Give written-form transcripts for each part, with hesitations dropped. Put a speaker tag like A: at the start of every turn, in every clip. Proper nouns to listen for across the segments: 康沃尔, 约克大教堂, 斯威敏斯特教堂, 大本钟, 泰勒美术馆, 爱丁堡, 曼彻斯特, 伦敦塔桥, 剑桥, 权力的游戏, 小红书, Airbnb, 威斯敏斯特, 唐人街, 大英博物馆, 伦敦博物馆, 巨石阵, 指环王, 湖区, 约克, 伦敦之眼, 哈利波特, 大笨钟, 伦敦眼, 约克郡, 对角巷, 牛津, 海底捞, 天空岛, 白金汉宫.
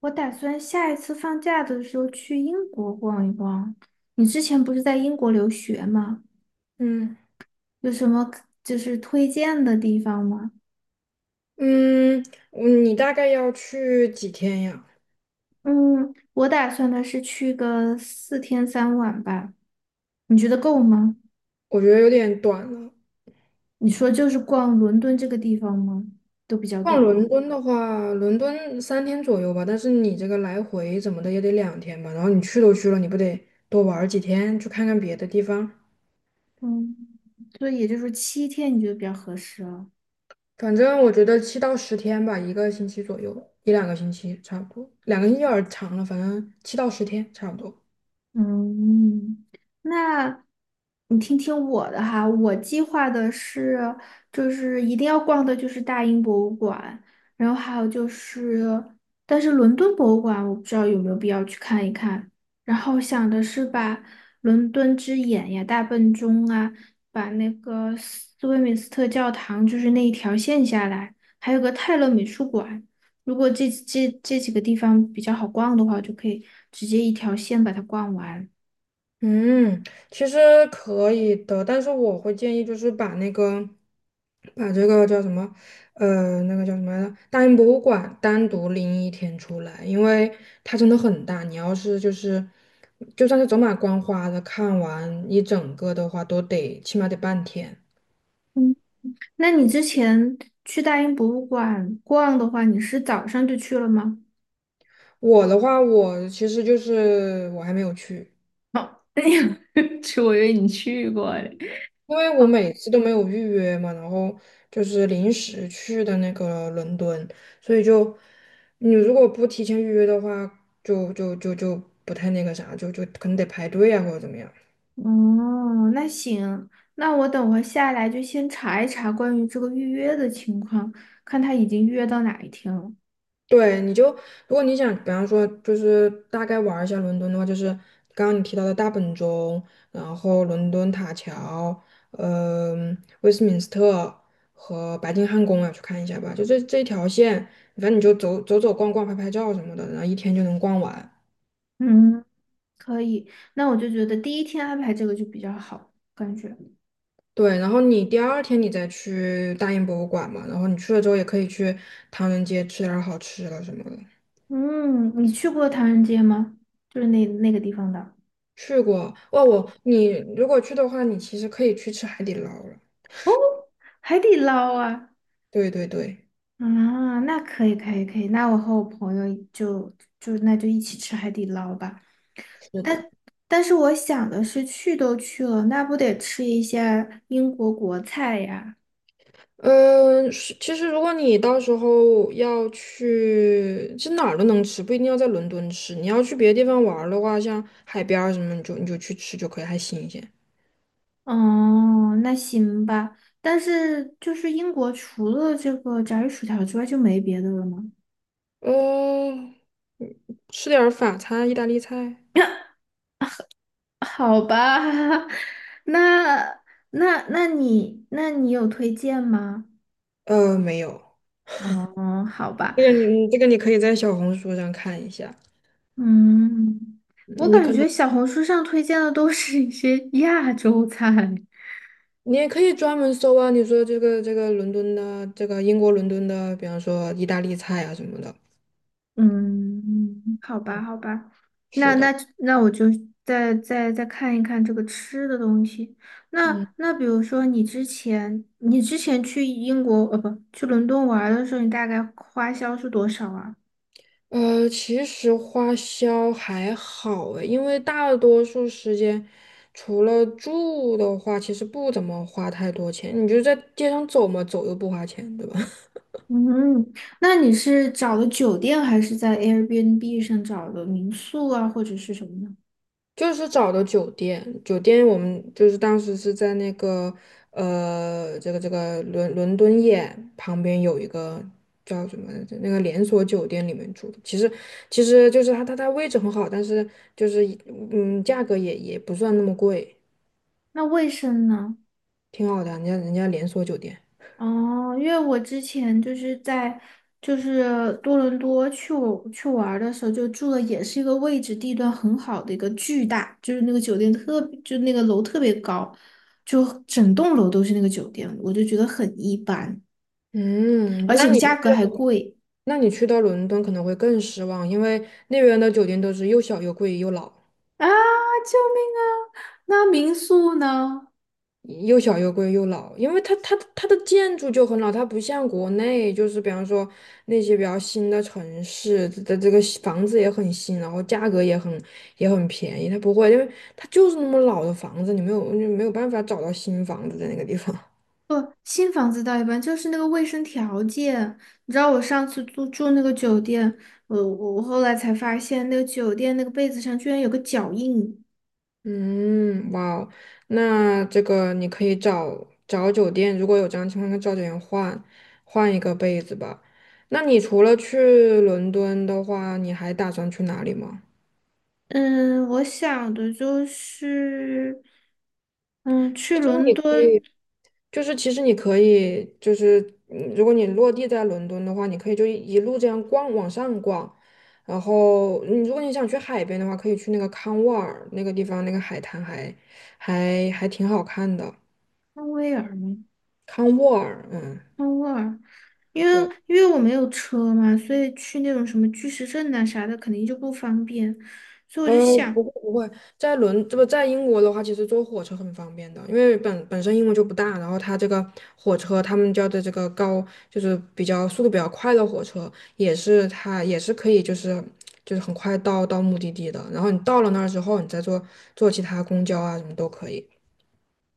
A: 我打算下一次放假的时候去英国逛一逛。你之前不是在英国留学吗？
B: 嗯
A: 有什么就是推荐的地方吗？
B: 嗯，你大概要去几天呀？
A: 嗯，我打算的是去个4天3晚吧。你觉得够吗？
B: 我觉得有点短了。
A: 你说就是逛伦敦这个地方吗？都比较
B: 逛
A: 短
B: 伦
A: 了。
B: 敦的话，伦敦3天左右吧，但是你这个来回怎么的也得两天吧。然后你去都去了，你不得多玩儿几天，去看看别的地方？
A: 嗯，所以也就是说7天，你觉得比较合适了。
B: 反正我觉得七到十天吧，一个星期左右，一两个星期差不多，两个星期有点儿长了，反正七到十天差不多。
A: 嗯，那你听听我的哈，我计划的是，就是一定要逛的就是大英博物馆，然后还有就是，但是伦敦博物馆我不知道有没有必要去看一看。然后想的是把伦敦之眼呀、大笨钟啊，把那个斯威敏斯特教堂就是那一条线下来，还有个泰勒美术馆。如果这几个地方比较好逛的话，就可以直接一条线把它逛完。
B: 嗯，其实可以的，但是我会建议就是把这个叫什么，那个叫什么来着，大英博物馆单独拎一天出来，因为它真的很大，你要是就是，就算是走马观花的看完一整个的话，都得起码得半天。
A: 嗯，那你之前去大英博物馆逛的话，你是早上就去了吗？
B: 我的话，我其实就是我还没有去。
A: 哦，去，是我以为你去过嘞。
B: 因为我
A: 好，
B: 每次都没有预约嘛，然后就是临时去的那个伦敦，所以就你如果不提前预约的话，就不太那个啥，就可能得排队啊或者怎么样。
A: 哦，那行，那我等会儿下来就先查一查关于这个预约的情况，看他已经预约到哪一天了。
B: 对，如果你想，比方说，就是大概玩儿一下伦敦的话，就是刚刚你提到的大本钟，然后伦敦塔桥，威斯敏斯特和白金汉宫啊，去看一下吧。就这一条线，反正你就走走走逛逛、拍拍照什么的，然后一天就能逛完。
A: 嗯，可以，那我就觉得第一天安排这个就比较好，感觉。
B: 对，然后你第二天你再去大英博物馆嘛，然后你去了之后也可以去唐人街吃点儿好吃的什么的。
A: 嗯，你去过唐人街吗？就是那那个地方的
B: 去过哦，你如果去的话，你其实可以去吃海底捞了。
A: 海底捞啊
B: 对对对，
A: 啊，那可以可以可以，那我和我朋友就就一起吃海底捞吧。
B: 是的，
A: 但但是我想的是，去都去了，那不得吃一下英国国菜呀？
B: 嗯，是其实如果你到时候要去，是哪儿都能吃，不一定要在伦敦吃。你要去别的地方玩儿的话，像海边儿什么，你就去吃就可以，还新鲜。
A: 哦，那行吧。但是就是英国除了这个炸鱼薯条之外就没别的了吗？
B: 嗯，吃点儿法餐、意大利菜。
A: 好吧，那那你那你有推荐吗？
B: 没有，
A: 哦，好吧，
B: 这个你嗯这个你可以在小红书上看一下，
A: 嗯，我
B: 嗯你
A: 感
B: 可
A: 觉
B: 能
A: 小红书上推荐的都是一些 亚洲菜，
B: 你也可以专门搜啊，你说这个伦敦的这个英国伦敦的，比方说意大利菜啊什么的。
A: 嗯，好吧，
B: 嗯，
A: 好吧，那
B: 是
A: 那
B: 的。
A: 那我就再看一看这个吃的东西。那
B: 嗯。
A: 那比如说你之前去英国不去伦敦玩儿的时候，你大概花销是多少啊？
B: 其实花销还好诶，因为大多数时间除了住的话，其实不怎么花太多钱。你就在街上走嘛，走又不花钱，对吧？
A: 嗯，那你是找的酒店还是在 Airbnb 上找的民宿啊，或者是什么呢？
B: 就是找的酒店，酒店我们就是当时是在这个伦敦眼旁边有一个叫什么来着，那个连锁酒店里面住的。其实就是它位置很好，但是就是价格也不算那么贵。
A: 那卫生呢？
B: 挺好的，人家人家连锁酒店。
A: 哦，因为我之前就是在多伦多去我去玩儿的时候，就住的也是一个位置地段很好的一个巨大，就是那个酒店特别就那个楼特别高，就整栋楼都是那个酒店，我就觉得很一般，
B: 嗯，
A: 而
B: 那
A: 且
B: 你
A: 价
B: 去
A: 格还贵。
B: 那你去到伦敦可能会更失望，因为那边的酒店都是又小又贵又老，
A: 啊！救命啊！那民宿呢？
B: 又小又贵又老，因为它的建筑就很老，它不像国内，就是比方说那些比较新的城市的这个房子也很新，然后价格也很便宜，它不会，因为它就是那么老的房子，你没有办法找到新房子在那个地方。
A: 不，新房子倒一般，就是那个卫生条件。你知道我上次住那个酒店，我后来才发现，那个酒店那个被子上居然有个脚印。
B: 嗯，哇哦，那这个你可以找找酒店，如果有这样情况，跟以找酒店换换一个被子吧。那你除了去伦敦的话，你还打算去哪里吗？
A: 嗯，我想的就是，嗯，
B: 其
A: 去
B: 实
A: 伦
B: 你可
A: 敦
B: 以，其实你可以，就是如果你落地在伦敦的话，你可以就一路这样逛，往上逛。然后，你如果你想去海边的话，可以去那个康沃尔那个地方，那个海滩还挺好看的。
A: 康威尔吗？
B: 康沃尔，嗯。
A: 康沃尔，因
B: 对。
A: 为因为我没有车嘛，所以去那种什么巨石阵呐、啥的肯定就不方便，所以我
B: 呃，
A: 就想。
B: 不会不会，这不在英国的话，其实坐火车很方便的，因为本身英国就不大，然后它这个火车，他们叫的这个高，就是比较速度比较快的火车，它也是可以就是很快到目的地的，然后你到了那儿之后，你再坐其他公交啊什么都可以。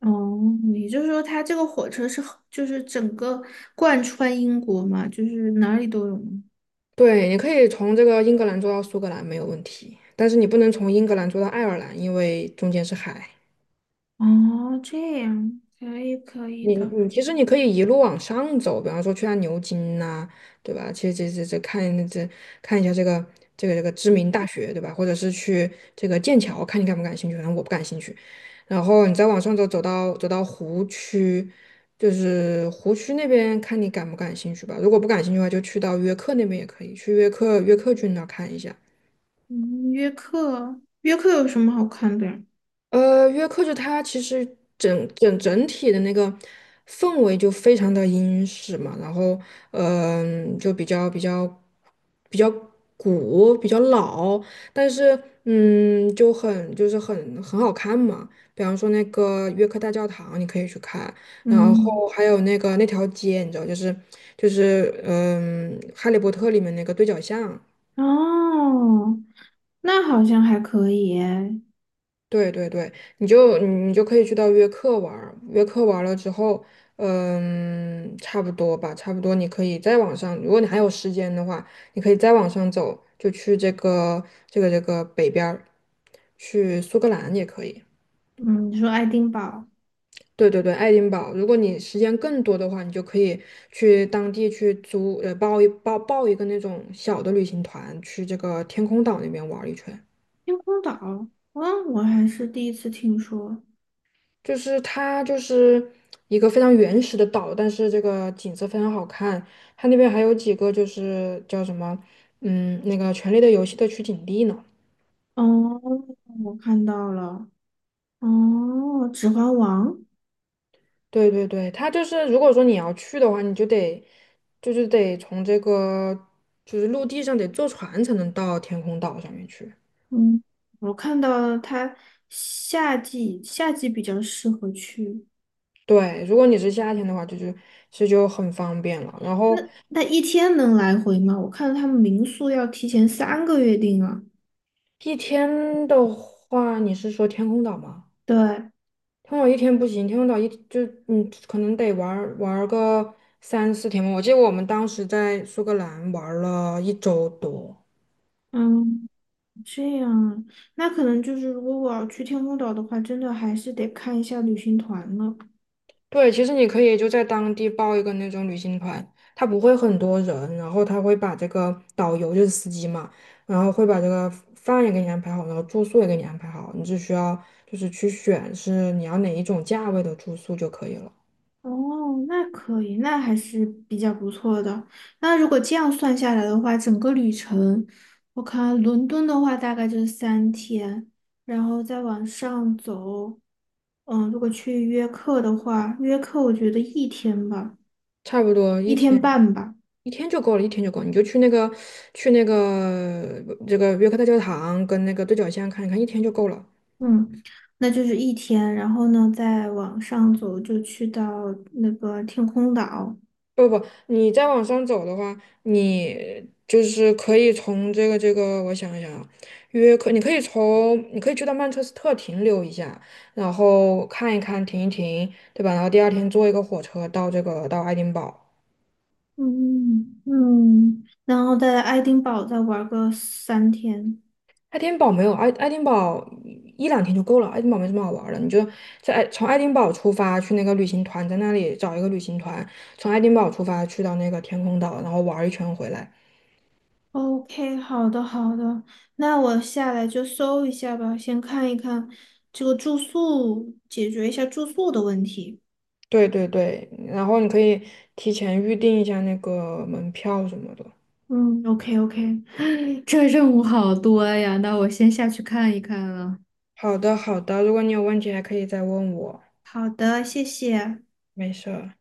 A: 哦，也就是说，它这个火车是很就是整个贯穿英国嘛，就是哪里都有吗？
B: 对，你可以从这个英格兰坐到苏格兰没有问题，但是你不能从英格兰坐到爱尔兰，因为中间是海。
A: 哦，这样可以可以
B: 你
A: 的。
B: 你其实你可以一路往上走，比方说去下牛津呐、对吧？其实这这看一下这个知名大学，对吧？或者是去这个剑桥，看你感不感兴趣。反正我不感兴趣。然后你再往上走，走到湖区，就是湖区那边看你感不感兴趣吧。如果不感兴趣的话，就去到约克那边也可以，去约克郡那儿看一下。
A: 嗯，约克，约克有什么好看的呀？
B: 约克就它其实整体的那个氛围就非常的英式嘛，然后就比较古，比较老，但是就很就是很很好看嘛。比方说那个约克大教堂，你可以去看，然
A: 嗯，
B: 后还有那个那条街，你知道，就是《哈利波特》里面那个对角巷。
A: 哦，那好像还可以耶
B: 对对对，你就可以去到约克玩儿，约克玩了之后，差不多吧，差不多你可以再往上，如果你还有时间的话，你可以再往上走，就去这个北边儿，去苏格兰也可以。
A: 嗯，你说爱丁堡、
B: 对对对，爱丁堡，如果你时间更多的话，你就可以去当地去租，报一个那种小的旅行团，去这个天空岛那边玩儿一圈。
A: 天空岛，嗯，我还是第一次听说。
B: 就是它就是一个非常原始的岛，但是这个景色非常好看。它那边还有几个就是叫什么，那个《权力的游戏》的取景地呢。
A: 哦，我看到了。哦，《指环王》。
B: 对对对，它就是如果说你要去的话，你就得就是得从这个就是陆地上得坐船才能到天空岛上面去。
A: 嗯，我看到了它夏季比较适合去。
B: 对，如果你是夏天的话，就其实就很方便了。然
A: 那
B: 后
A: 那一天能来回吗？我看他们民宿要提前3个月订啊。
B: 一天的话，你是说天空岛吗？
A: 对，
B: 通岛一天不行，天空岛就你可能得玩儿玩儿个三四天吧。我记得我们当时在苏格兰玩儿了一周多。
A: 嗯，这样啊，那可能就是如果我要去天空岛的话，真的还是得看一下旅行团了。
B: 对，其实你可以就在当地报一个那种旅行团，他不会很多人，然后他会把这个导游就是司机嘛，然后会把这个饭也给你安排好，然后住宿也给你安排好，你只需要就是去选是你要哪一种价位的住宿就可以了，
A: 哦，那可以，那还是比较不错的。那如果这样算下来的话，整个旅程，我看伦敦的话大概就是三天，然后再往上走。嗯，如果去约课的话，约课我觉得一天吧，
B: 差不多
A: 一
B: 一
A: 天
B: 天。
A: 半吧，
B: 一天就够了，一天就够了，你就去这个约克大教堂跟那个对角线看一看，一天就够了。
A: 嗯，那就是一天，然后呢，再往上走就去到那个天空岛，
B: 不不，你再往上走的话，你就是可以从这个，我想一想啊，约克，你可以去到曼彻斯特停留一下，然后看一看，停一停，对吧？然后第二天坐一个火车到这个到爱丁堡。
A: 嗯嗯，然后在爱丁堡再玩个三天。
B: 爱丁堡没有爱爱丁堡一两天就够了，爱丁堡没什么好玩儿的，你就从爱丁堡出发去那个旅行团，在那里找一个旅行团，从爱丁堡出发去到那个天空岛，然后玩儿一圈回来。
A: OK，好的好的，那我下来就搜一下吧，先看一看这个住宿，解决一下住宿的问题。
B: 对对对，然后你可以提前预定一下那个门票什么的。
A: 嗯，OK OK。这任务好多呀，那我先下去看一看了。
B: 好的好的，如果你有问题还可以再问我，
A: 好的，谢谢。
B: 没事儿。